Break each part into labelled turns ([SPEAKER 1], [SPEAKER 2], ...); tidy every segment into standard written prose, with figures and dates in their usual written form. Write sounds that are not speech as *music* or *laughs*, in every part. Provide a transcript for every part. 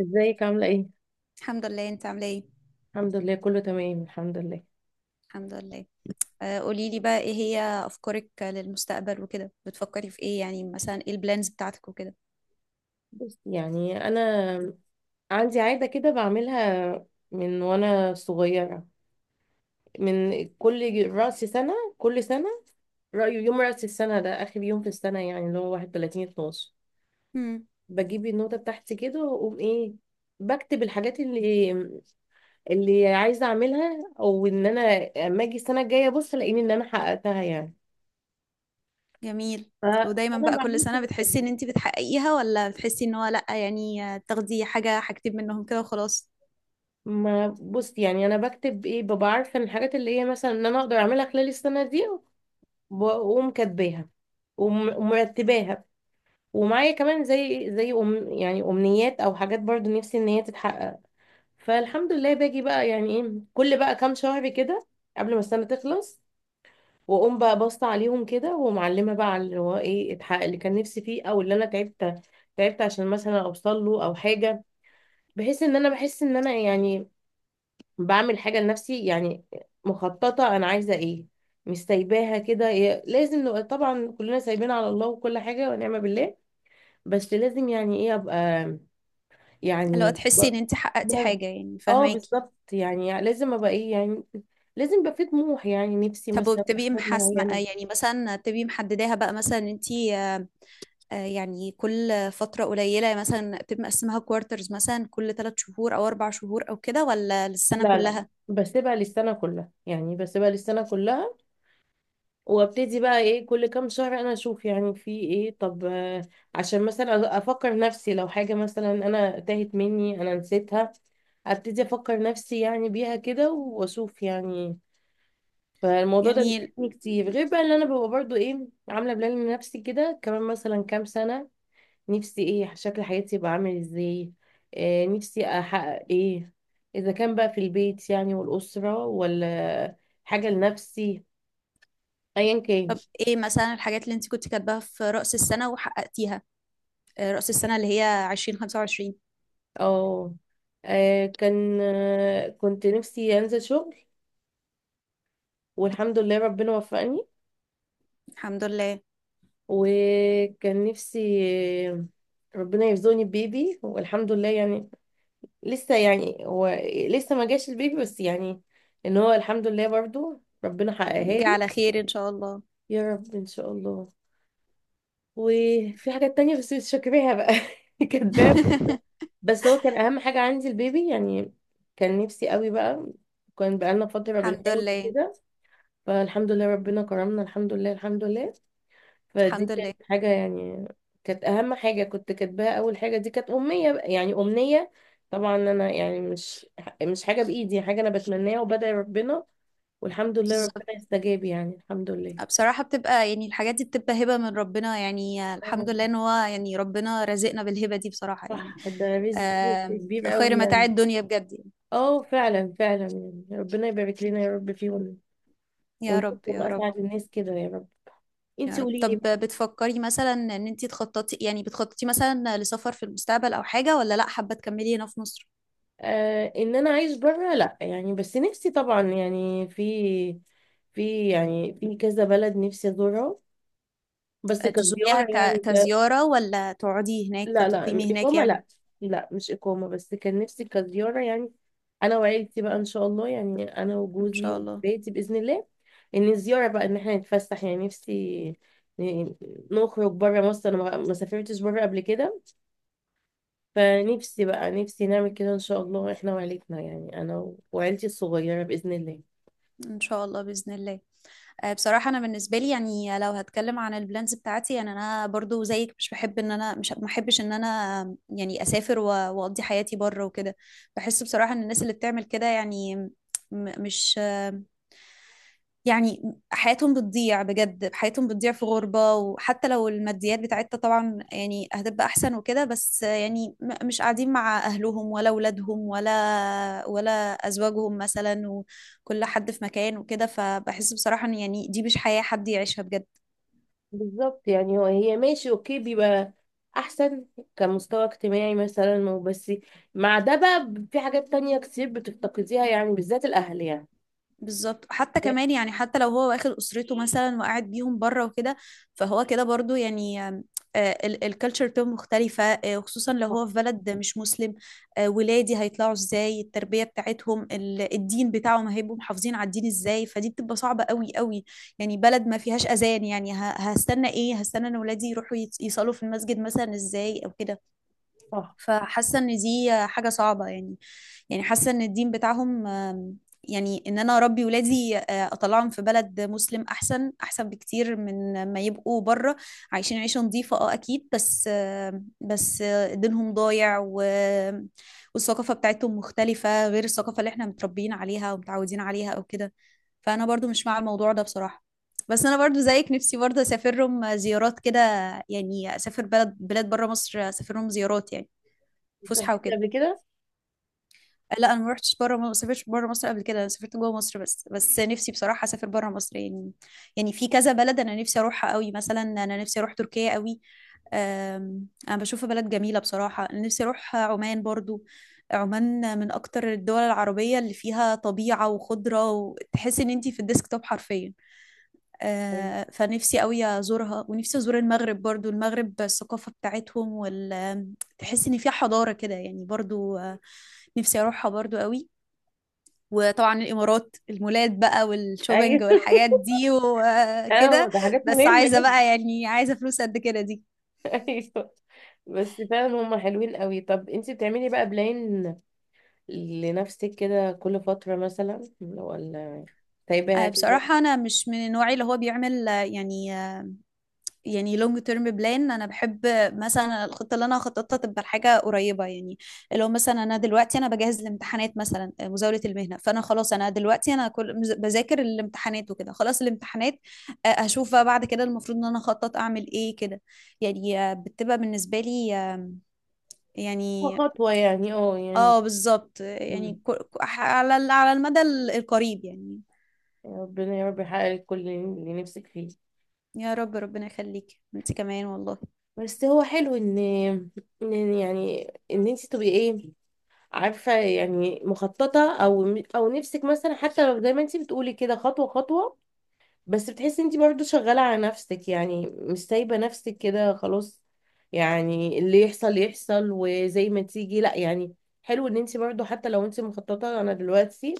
[SPEAKER 1] ازيك عاملة ايه؟
[SPEAKER 2] الحمد لله، انت عامله ايه؟
[SPEAKER 1] الحمد لله كله تمام الحمد لله.
[SPEAKER 2] الحمد لله. آه، قولي لي بقى ايه هي افكارك للمستقبل وكده، بتفكري في ايه؟ يعني مثلا ايه البلانز بتاعتك وكده؟
[SPEAKER 1] بس يعني انا عندي عادة كده بعملها من وانا صغيرة، من كل رأس سنة، كل سنة رأيه يوم رأس السنة ده آخر يوم في السنة، يعني اللي هو 31 12،
[SPEAKER 2] امم
[SPEAKER 1] بجيب النوتة بتاعتي كده وأقوم إيه، بكتب الحاجات اللي عايزة أعملها، أو إن أنا أما أجي السنة الجاية أبص ألاقيني إن أنا حققتها يعني.
[SPEAKER 2] جميل. ودايما
[SPEAKER 1] فأنا
[SPEAKER 2] بقى كل
[SPEAKER 1] بعمل
[SPEAKER 2] سنه
[SPEAKER 1] كل سنة،
[SPEAKER 2] بتحسي ان انت بتحققيها، ولا بتحسي ان هو لا، يعني تاخدي حاجه حاجتين منهم كده وخلاص؟
[SPEAKER 1] ما بص يعني انا بكتب ايه، ببقى عارفه ان الحاجات اللي هي مثلا ان انا اقدر اعملها خلال السنه دي، واقوم كاتباها ومرتباها، ومعايا كمان زي زي أم يعني امنيات او حاجات برضو نفسي ان هي تتحقق. فالحمد لله باجي بقى يعني ايه كل بقى كام شهر كده، قبل ما السنه تخلص، واقوم بقى باصه عليهم كده ومعلمه بقى على اللي هو ايه اتحقق، اللي كان نفسي فيه او اللي انا تعبت عشان مثلا اوصل له او حاجه، بحيث ان انا بحس ان انا يعني بعمل حاجة لنفسي يعني، مخططة أنا عايزة إيه، مش سايباها كده. إيه لازم نبقى طبعا كلنا سايبين على الله وكل حاجة ونعم بالله، بس لازم يعني إيه أبقى،
[SPEAKER 2] لو
[SPEAKER 1] يعني ب-
[SPEAKER 2] تحسي ان انت حققتي
[SPEAKER 1] ب-
[SPEAKER 2] حاجه، يعني
[SPEAKER 1] اه
[SPEAKER 2] فهماكي؟
[SPEAKER 1] بالظبط يعني لازم أبقى إيه يعني، لازم يبقى في طموح، يعني نفسي
[SPEAKER 2] طب
[SPEAKER 1] مثلا في
[SPEAKER 2] وبتبقي
[SPEAKER 1] حاجات
[SPEAKER 2] محاسبه،
[SPEAKER 1] معينة.
[SPEAKER 2] يعني مثلا بتبقي محدداها بقى مثلا انت، يعني كل فترة قليلة مثلا بتبقى مقسمها كوارترز، مثلا كل 3 شهور أو 4 شهور أو كده، ولا للسنة
[SPEAKER 1] لا لا لا،
[SPEAKER 2] كلها؟
[SPEAKER 1] بسيبها للسنة كلها، يعني بسيبها للسنة كلها، وابتدي بقى ايه كل كام شهر انا اشوف يعني في ايه، طب آه، عشان مثلا افكر نفسي لو حاجة مثلا انا تاهت مني انا نسيتها، ابتدي افكر نفسي يعني بيها كده واشوف يعني. فالموضوع ده
[SPEAKER 2] جميل.
[SPEAKER 1] بيساعدني كتير، غير بقى اللي انا ببقى برضو ايه عاملة بلان لنفسي كده كمان مثلا كام سنة، نفسي ايه شكل حياتي يبقى عامل ازاي، آه نفسي احقق ايه، اذا كان بقى في البيت يعني والاسرة، ولا حاجة لنفسي، ايا كان.
[SPEAKER 2] طب إيه مثلا الحاجات اللي أنت كنت كاتباها في رأس السنة وحققتيها؟ رأس السنة اللي هي 2025.
[SPEAKER 1] اه آه، كان آه، كنت نفسي انزل شغل، والحمد لله ربنا وفقني.
[SPEAKER 2] الحمد لله.
[SPEAKER 1] وكان نفسي آه، ربنا يرزقني ببيبي، والحمد لله يعني لسه يعني هو لسه ما جاش البيبي، بس يعني ان هو الحمد لله برضو ربنا حققها
[SPEAKER 2] يجي
[SPEAKER 1] لي.
[SPEAKER 2] على خير إن شاء الله.
[SPEAKER 1] يا رب ان شاء الله. وفي حاجات تانية بس مش فاكراها بقى *laughs* كاتباها.
[SPEAKER 2] *laughs*
[SPEAKER 1] بس هو كان اهم حاجة عندي البيبي يعني، كان نفسي قوي بقى، كان بقالنا فترة
[SPEAKER 2] الحمد
[SPEAKER 1] بنحاول
[SPEAKER 2] لله،
[SPEAKER 1] كده. فالحمد لله ربنا كرمنا، الحمد لله الحمد لله. فدي
[SPEAKER 2] الحمد لله.
[SPEAKER 1] كانت حاجة يعني، كانت أهم حاجة كنت كاتباها، أول حاجة دي كانت أمنية بقى، يعني أمنية. طبعا أنا يعني مش حاجة بإيدي، حاجة أنا بتمناها وبدعي ربنا، والحمد لله
[SPEAKER 2] بالظبط.
[SPEAKER 1] ربنا استجاب يعني الحمد لله.
[SPEAKER 2] بصراحة بتبقى يعني الحاجات دي بتبقى هبة من ربنا، يعني
[SPEAKER 1] آه،
[SPEAKER 2] الحمد لله ان هو يعني ربنا رزقنا بالهبة دي بصراحة يعني.
[SPEAKER 1] صح، ده رزق
[SPEAKER 2] آه.
[SPEAKER 1] رزق كبير قوي
[SPEAKER 2] خير متاع
[SPEAKER 1] يعني.
[SPEAKER 2] الدنيا بجد يعني.
[SPEAKER 1] اه فعلا فعلا، يعني ربنا يبارك لنا يا رب فيهم،
[SPEAKER 2] يا رب،
[SPEAKER 1] ونشوفهم
[SPEAKER 2] يا رب.
[SPEAKER 1] أسعد الناس كده يا رب.
[SPEAKER 2] يا
[SPEAKER 1] انتي
[SPEAKER 2] رب.
[SPEAKER 1] قولي
[SPEAKER 2] طب
[SPEAKER 1] لي.
[SPEAKER 2] بتفكري مثلا ان انتي تخططي؟ يعني بتخططي مثلا لسفر في المستقبل او حاجة، ولا لا حابة تكملي هنا في مصر؟
[SPEAKER 1] آه، ان انا عايش بره لا يعني، بس نفسي طبعا يعني في في كذا بلد نفسي ازورها، بس
[SPEAKER 2] تزوريها
[SPEAKER 1] كزيارة يعني ك...
[SPEAKER 2] كزيارة، ولا تقعدي هناك
[SPEAKER 1] لا لا،
[SPEAKER 2] تقيمي هناك
[SPEAKER 1] إقامة
[SPEAKER 2] يعني؟
[SPEAKER 1] لا، لا مش إقامة، بس كان نفسي كزيارة يعني، أنا وعيلتي بقى إن شاء الله، يعني أنا
[SPEAKER 2] ان
[SPEAKER 1] وجوزي
[SPEAKER 2] شاء الله.
[SPEAKER 1] وبيتي بإذن الله، إن الزيارة بقى إن إحنا نتفسح يعني، نفسي ن- نخرج بره مصر، أنا ما سافرتش بره قبل كده، فنفسي بقى نفسي نعمل كده إن شاء الله إحنا وعيلتنا، يعني أنا وعيلتي الصغيرة بإذن الله.
[SPEAKER 2] ان شاء الله، باذن الله. بصراحه انا بالنسبه لي، يعني لو هتكلم عن البلانز بتاعتي، يعني انا برضو زيك، مش بحب ان انا، مش ما احبش ان انا يعني اسافر واقضي حياتي بره وكده. بحس بصراحه ان الناس اللي بتعمل كده يعني، مش، يعني حياتهم بتضيع بجد، حياتهم بتضيع في غربة. وحتى لو الماديات بتاعتها طبعا يعني هتبقى أحسن وكده، بس يعني مش قاعدين مع أهلهم ولا أولادهم ولا أزواجهم مثلا، وكل حد في مكان وكده. فبحس بصراحة إن يعني دي مش حياة حد يعيشها بجد.
[SPEAKER 1] بالظبط يعني هو هي ماشي اوكي، بيبقى احسن كمستوى اجتماعي مثلا وبس، مع ده بقى في حاجات تانية كتير بتفتقديها، يعني بالذات الاهل يعني.
[SPEAKER 2] بالظبط، حتى كمان يعني حتى لو هو واخد اسرته مثلا وقاعد بيهم بره وكده، فهو كده برضو يعني الكالتشر بتاعته مختلفة. وخصوصا لو
[SPEAKER 1] صح
[SPEAKER 2] هو في بلد مش مسلم. ولادي هيطلعوا ازاي؟ التربية بتاعتهم، الدين بتاعهم، هيبقوا محافظين على الدين ازاي؟ فدي بتبقى صعبة قوي قوي. يعني بلد ما فيهاش اذان، يعني هستنى ايه؟ هستنى ان ولادي يروحوا يصلوا في المسجد مثلا ازاي او كده؟
[SPEAKER 1] صح.
[SPEAKER 2] فحاسه ان دي حاجه صعبه يعني. يعني حاسه ان الدين بتاعهم، يعني ان انا اربي ولادي، اطلعهم في بلد مسلم احسن احسن بكتير من ما يبقوا بره. عايشين عيشه نظيفه، اه اكيد، بس دينهم ضايع والثقافه بتاعتهم مختلفه غير الثقافه اللي احنا متربيين عليها ومتعودين عليها او كده. فانا برضو مش مع الموضوع ده بصراحه. بس انا برضو زيك، نفسي برضو اسافرهم زيارات كده. يعني اسافر بلاد بره مصر، اسافرهم زيارات يعني،
[SPEAKER 1] انت
[SPEAKER 2] فسحه
[SPEAKER 1] فاكرة
[SPEAKER 2] وكده.
[SPEAKER 1] قبل كده.
[SPEAKER 2] لا، انا ما رحتش بره، ما سافرتش بره مصر قبل كده، انا سافرت جوه مصر بس نفسي بصراحه اسافر بره مصر يعني. يعني في كذا بلد انا نفسي اروحها قوي، مثلا انا نفسي اروح تركيا قوي. انا بشوفها بلد جميله بصراحه. انا نفسي اروح عمان برضو. عمان من اكتر الدول العربيه اللي فيها طبيعه وخضره، وتحس ان انتي في الديسكتوب حرفيا.
[SPEAKER 1] ايوه
[SPEAKER 2] فنفسي قوي ازورها، ونفسي ازور المغرب برضو. المغرب الثقافة بتاعتهم، وال تحس ان فيها حضارة كده يعني برضو. نفسي اروحها برضو قوي. وطبعا الامارات، المولات بقى
[SPEAKER 1] ايوه
[SPEAKER 2] والشوبينج
[SPEAKER 1] *laughs*
[SPEAKER 2] والحاجات دي
[SPEAKER 1] أيوة،
[SPEAKER 2] وكده.
[SPEAKER 1] ده حاجات
[SPEAKER 2] بس
[SPEAKER 1] مهمة
[SPEAKER 2] عايزة
[SPEAKER 1] جدا.
[SPEAKER 2] بقى يعني، عايزة فلوس قد كده دي.
[SPEAKER 1] *laughs* ايوه. بس فعلا هم حلوين قوي. طب انت بتعملي بقى بلان لنفسك كده كل فترة مثلا، ولا سايباها كده؟
[SPEAKER 2] بصراحة أنا مش من النوع اللي هو بيعمل، يعني لونج تيرم بلان. انا بحب مثلا الخطه اللي انا هخططها تبقى لحاجه قريبه يعني. اللي هو مثلا انا دلوقتي انا بجهز الامتحانات مثلا، مزاوله المهنه، فانا خلاص انا دلوقتي انا كل بذاكر الامتحانات وكده، خلاص الامتحانات، هشوف بقى بعد كده المفروض ان انا اخطط اعمل ايه كده. يعني بتبقى بالنسبه لي،
[SPEAKER 1] خطوة
[SPEAKER 2] يعني،
[SPEAKER 1] خطوة يعني، اه يعني.
[SPEAKER 2] اه بالظبط، يعني
[SPEAKER 1] مم.
[SPEAKER 2] على المدى القريب يعني.
[SPEAKER 1] يا ربنا يا رب يحقق لك كل اللي نفسك فيه.
[SPEAKER 2] يا رب، ربنا يخليك انت كمان والله.
[SPEAKER 1] بس هو حلو ان انت تبقي ايه، عارفه يعني مخططه او نفسك، مثلا حتى لو زي ما انت بتقولي كده خطوه خطوه، بس بتحسي انت برضو شغالة على نفسك، يعني مش سايبة نفسك كده خلاص يعني اللي يحصل يحصل وزي ما تيجي، لا يعني، حلو ان انت برضو حتى لو انت مخططة. انا دلوقتي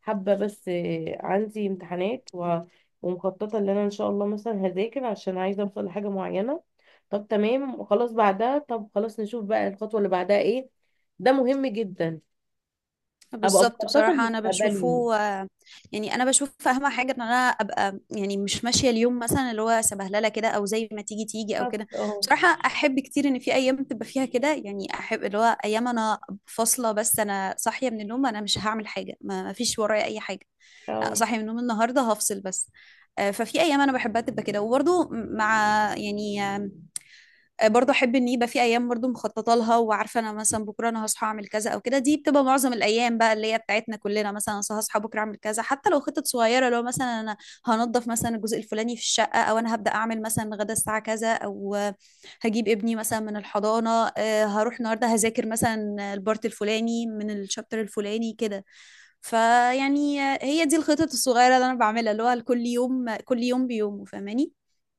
[SPEAKER 1] حابة بس آه، عندي امتحانات ومخططة ان انا ان شاء الله مثلا هذاكر عشان عايزة اوصل لحاجة معينة، طب تمام وخلاص بعدها، طب خلاص نشوف بقى الخطوة اللي بعدها ايه، ده مهم جدا، ابقى
[SPEAKER 2] بالظبط.
[SPEAKER 1] مخططة
[SPEAKER 2] بصراحة أنا
[SPEAKER 1] لمستقبلي.
[SPEAKER 2] بشوفه، يعني أنا بشوف أهم حاجة إن أنا أبقى يعني مش ماشية اليوم مثلا اللي هو سبهللة كده، أو زي ما تيجي تيجي أو
[SPEAKER 1] بالظبط
[SPEAKER 2] كده.
[SPEAKER 1] اه
[SPEAKER 2] بصراحة أحب كتير إن في أيام تبقى فيها كده يعني، أحب اللي هو أيام أنا فاصلة بس، أنا صاحية من النوم أنا مش هعمل حاجة، ما فيش ورايا أي حاجة.
[SPEAKER 1] اه
[SPEAKER 2] صاحية من النوم النهاردة هفصل بس. ففي أيام أنا بحبها تبقى كده، وبرضه مع يعني، برضو احب ان يبقى في ايام برضو مخططه لها، وعارفه انا مثلا بكره انا هصحى اعمل كذا او كده. دي بتبقى معظم الايام بقى اللي هي بتاعتنا كلنا، مثلا أنا هصحى بكره اعمل كذا، حتى لو خطط صغيره، لو مثلا انا هنضف مثلا الجزء الفلاني في الشقه، او انا هبدا اعمل مثلا غدا الساعه كذا، او هجيب ابني مثلا من الحضانه، هروح النهارده هذاكر مثلا البارت الفلاني من الشابتر الفلاني كده. فيعني هي دي الخطط الصغيره اللي انا بعملها، اللي هو كل يوم كل يوم بيومه فاهماني.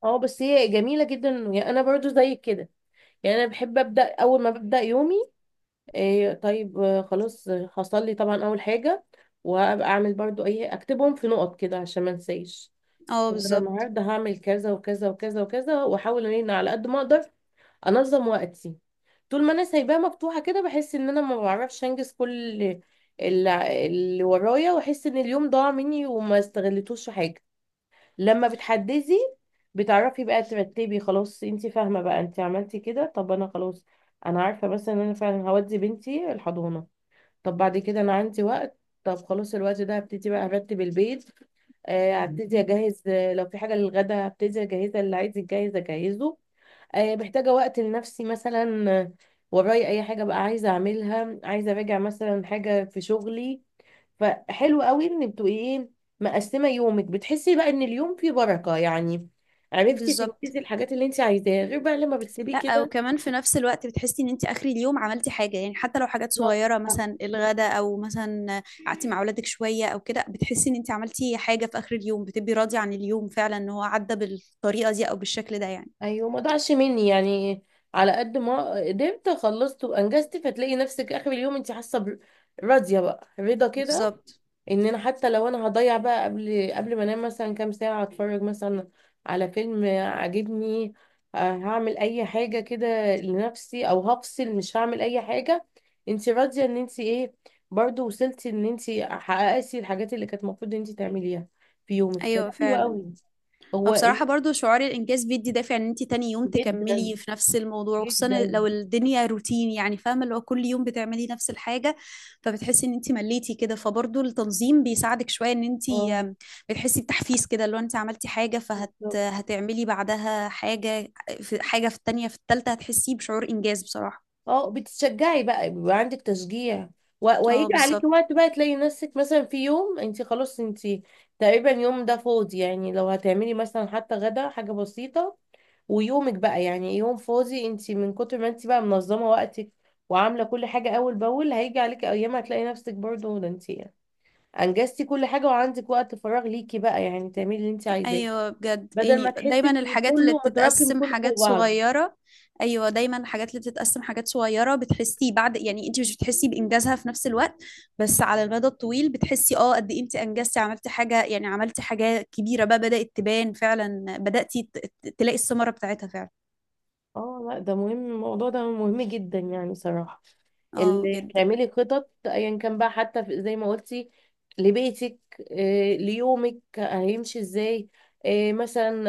[SPEAKER 1] اه. بس هي جميلة جدا يعني، انا برضو زيك كده، يعني انا بحب ابدا اول ما ببدا يومي، إيه طيب آه، خلاص آه، هصلي طبعا اول حاجة، وابقى اعمل برضو ايه اكتبهم في نقط كده عشان ما انساش،
[SPEAKER 2] اه
[SPEAKER 1] طب انا
[SPEAKER 2] بالظبط.
[SPEAKER 1] النهارده هعمل كذا وكذا وكذا وكذا، واحاول ان انا على قد ما اقدر انظم وقتي. طول ما انا سايباها مفتوحة كده بحس ان انا ما بعرفش انجز كل اللي ورايا، واحس ان اليوم ضاع مني وما استغلتوش في حاجة. لما بتحددي بتعرفي بقى ترتبي، خلاص انت فاهمة بقى انت عملتي كده، طب انا خلاص انا عارفة مثلا ان انا فعلا هودي بنتي الحضانة، طب بعد كده انا عندي وقت، طب خلاص الوقت ده هبتدي بقى ارتب البيت، آه، هبتدي اجهز آه، لو في حاجة للغدا هبتدي اجهزها، اللي عايز يتجهز اجهزه، آه، محتاجة وقت لنفسي مثلا، آه، ورايا اي حاجة بقى عايزة اعملها، عايزة اراجع مثلا حاجة في شغلي، فحلو قوي ان بتبقي ايه مقسمه يومك، بتحسي بقى ان اليوم فيه بركه يعني، عرفتي
[SPEAKER 2] بالظبط.
[SPEAKER 1] تنجزي الحاجات اللي انت عايزاها، غير بقى لما بتسيبيه
[SPEAKER 2] لا،
[SPEAKER 1] كده.
[SPEAKER 2] وكمان في نفس الوقت بتحسي ان انت اخر اليوم عملتي حاجه، يعني حتى لو حاجات
[SPEAKER 1] بالظبط.
[SPEAKER 2] صغيره مثلا الغداء، او مثلا قعدتي مع اولادك شويه او كده، بتحسي ان انت عملتي حاجه في اخر اليوم، بتبقي راضيه عن اليوم فعلا ان هو عدى بالطريقه دي او بالشكل ده يعني.
[SPEAKER 1] ايوه ما ضاعش مني يعني، على قد ما قدرت خلصت وانجزت، فتلاقي نفسك اخر اليوم انت حاسه راضيه بقى رضا كده،
[SPEAKER 2] بالظبط.
[SPEAKER 1] ان انا حتى لو انا هضيع بقى قبل ما انام مثلا كام ساعة اتفرج مثلا على فيلم عاجبني، آه، هعمل اي حاجة كده لنفسي او هفصل مش هعمل اي حاجة، انت راضية ان انت ايه برضو وصلتي ان انت حققتي الحاجات اللي كانت المفروض ان انت تعمليها في يومك، فده
[SPEAKER 2] ايوه،
[SPEAKER 1] حلو
[SPEAKER 2] فعلا.
[SPEAKER 1] قوي. هو
[SPEAKER 2] وبصراحة
[SPEAKER 1] ال-
[SPEAKER 2] برضو شعور الإنجاز بيدي دافع إن أنت تاني يوم
[SPEAKER 1] جدا
[SPEAKER 2] تكملي في نفس الموضوع، وخصوصا
[SPEAKER 1] جدا.
[SPEAKER 2] لو الدنيا روتين يعني، فاهمة اللي هو كل يوم بتعملي نفس الحاجة، فبتحسي إن أنت مليتي كده، فبرضو التنظيم بيساعدك شوية إن أنت،
[SPEAKER 1] اه
[SPEAKER 2] بتحسي بتحفيز كده، لو أنت عملتي حاجة فهت
[SPEAKER 1] بالظبط.
[SPEAKER 2] هتعملي بعدها حاجة، في حاجة في التانية في التالتة، هتحسي بشعور إنجاز بصراحة.
[SPEAKER 1] اه بتشجعي بقى، بيبقى عندك تشجيع،
[SPEAKER 2] اه
[SPEAKER 1] ويجي عليكي
[SPEAKER 2] بالظبط.
[SPEAKER 1] وقت بقى تلاقي نفسك مثلا في يوم انت خلاص انت تقريبا يوم ده فاضي، يعني لو هتعملي مثلا حتى غدا حاجة بسيطة، ويومك بقى يعني يوم فاضي، انت من كتر ما انت بقى منظمة وقتك وعاملة كل حاجة أول بأول، هيجي عليكي أيام هتلاقي نفسك برضه ده انت أنجزتي كل حاجة، وعندك وقت فراغ ليكي بقى يعني تعملي اللي انت عايزاه،
[SPEAKER 2] ايوه بجد،
[SPEAKER 1] بدل ما
[SPEAKER 2] يعني
[SPEAKER 1] تحسي
[SPEAKER 2] دايما
[SPEAKER 1] ان
[SPEAKER 2] الحاجات اللي
[SPEAKER 1] كله متراكم
[SPEAKER 2] بتتقسم
[SPEAKER 1] كله فوق
[SPEAKER 2] حاجات
[SPEAKER 1] بعضه.
[SPEAKER 2] صغيره. ايوه، دايما الحاجات اللي بتتقسم حاجات صغيره بتحسي بعد، يعني انت مش بتحسي بانجازها في نفس الوقت، بس على المدى الطويل بتحسي اه قد ايه انت انجزتي عملتي حاجه، يعني عملتي حاجه كبيره بقى بدات تبان فعلا، بداتي تلاقي الثمره بتاعتها فعلا.
[SPEAKER 1] اه لا، ده مهم، الموضوع ده مهم جدا يعني صراحة،
[SPEAKER 2] اه
[SPEAKER 1] اللي
[SPEAKER 2] جدا.
[SPEAKER 1] بتعملي خطط ايا كان بقى، حتى زي ما قلتي لبيتك، آه، ليومك هيمشي ازاي، آه، مثلا،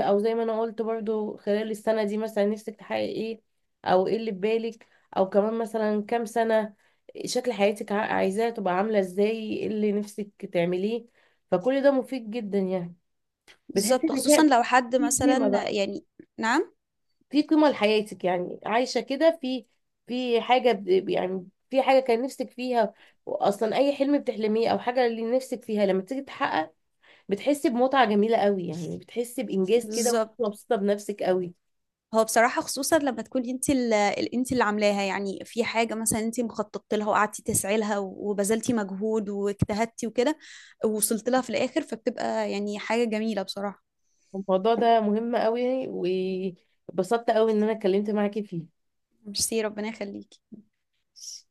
[SPEAKER 1] آه، او زي ما انا قلت برضو خلال السنة دي مثلا نفسك تحققي ايه، او ايه اللي في بالك، او كمان مثلا كام سنة شكل حياتك عايزاها تبقى عاملة ازاي، ايه اللي نفسك تعمليه، فكل ده مفيد جدا يعني، بتحسي
[SPEAKER 2] بالظبط،
[SPEAKER 1] ان
[SPEAKER 2] خصوصا
[SPEAKER 1] فيها
[SPEAKER 2] لو حد
[SPEAKER 1] في قيمة
[SPEAKER 2] مثلا
[SPEAKER 1] بقى،
[SPEAKER 2] يعني. نعم.
[SPEAKER 1] في قيمة لحياتك، يعني عايشة كده في في حاجة يعني في حاجة كان نفسك فيها أصلا، أي حلم بتحلميه أو حاجة اللي نفسك فيها لما تيجي تحقق بتحسي بمتعة جميلة قوي يعني، بتحسي بإنجاز كده وأنت
[SPEAKER 2] بالظبط.
[SPEAKER 1] مبسوطة بنفسك قوي.
[SPEAKER 2] هو بصراحة خصوصا لما تكوني انت انت اللي عاملاها، يعني في حاجة مثلا انت مخططت لها وقعدتي تسعي لها وبذلتي مجهود واجتهدتي وكده، ووصلت لها في الآخر، فبتبقى يعني حاجة جميلة بصراحة.
[SPEAKER 1] الموضوع ده مهم قوي، واتبسطت قوي إن أنا اتكلمت معاكي
[SPEAKER 2] ميرسي، ربنا يخليكي.
[SPEAKER 1] فيه.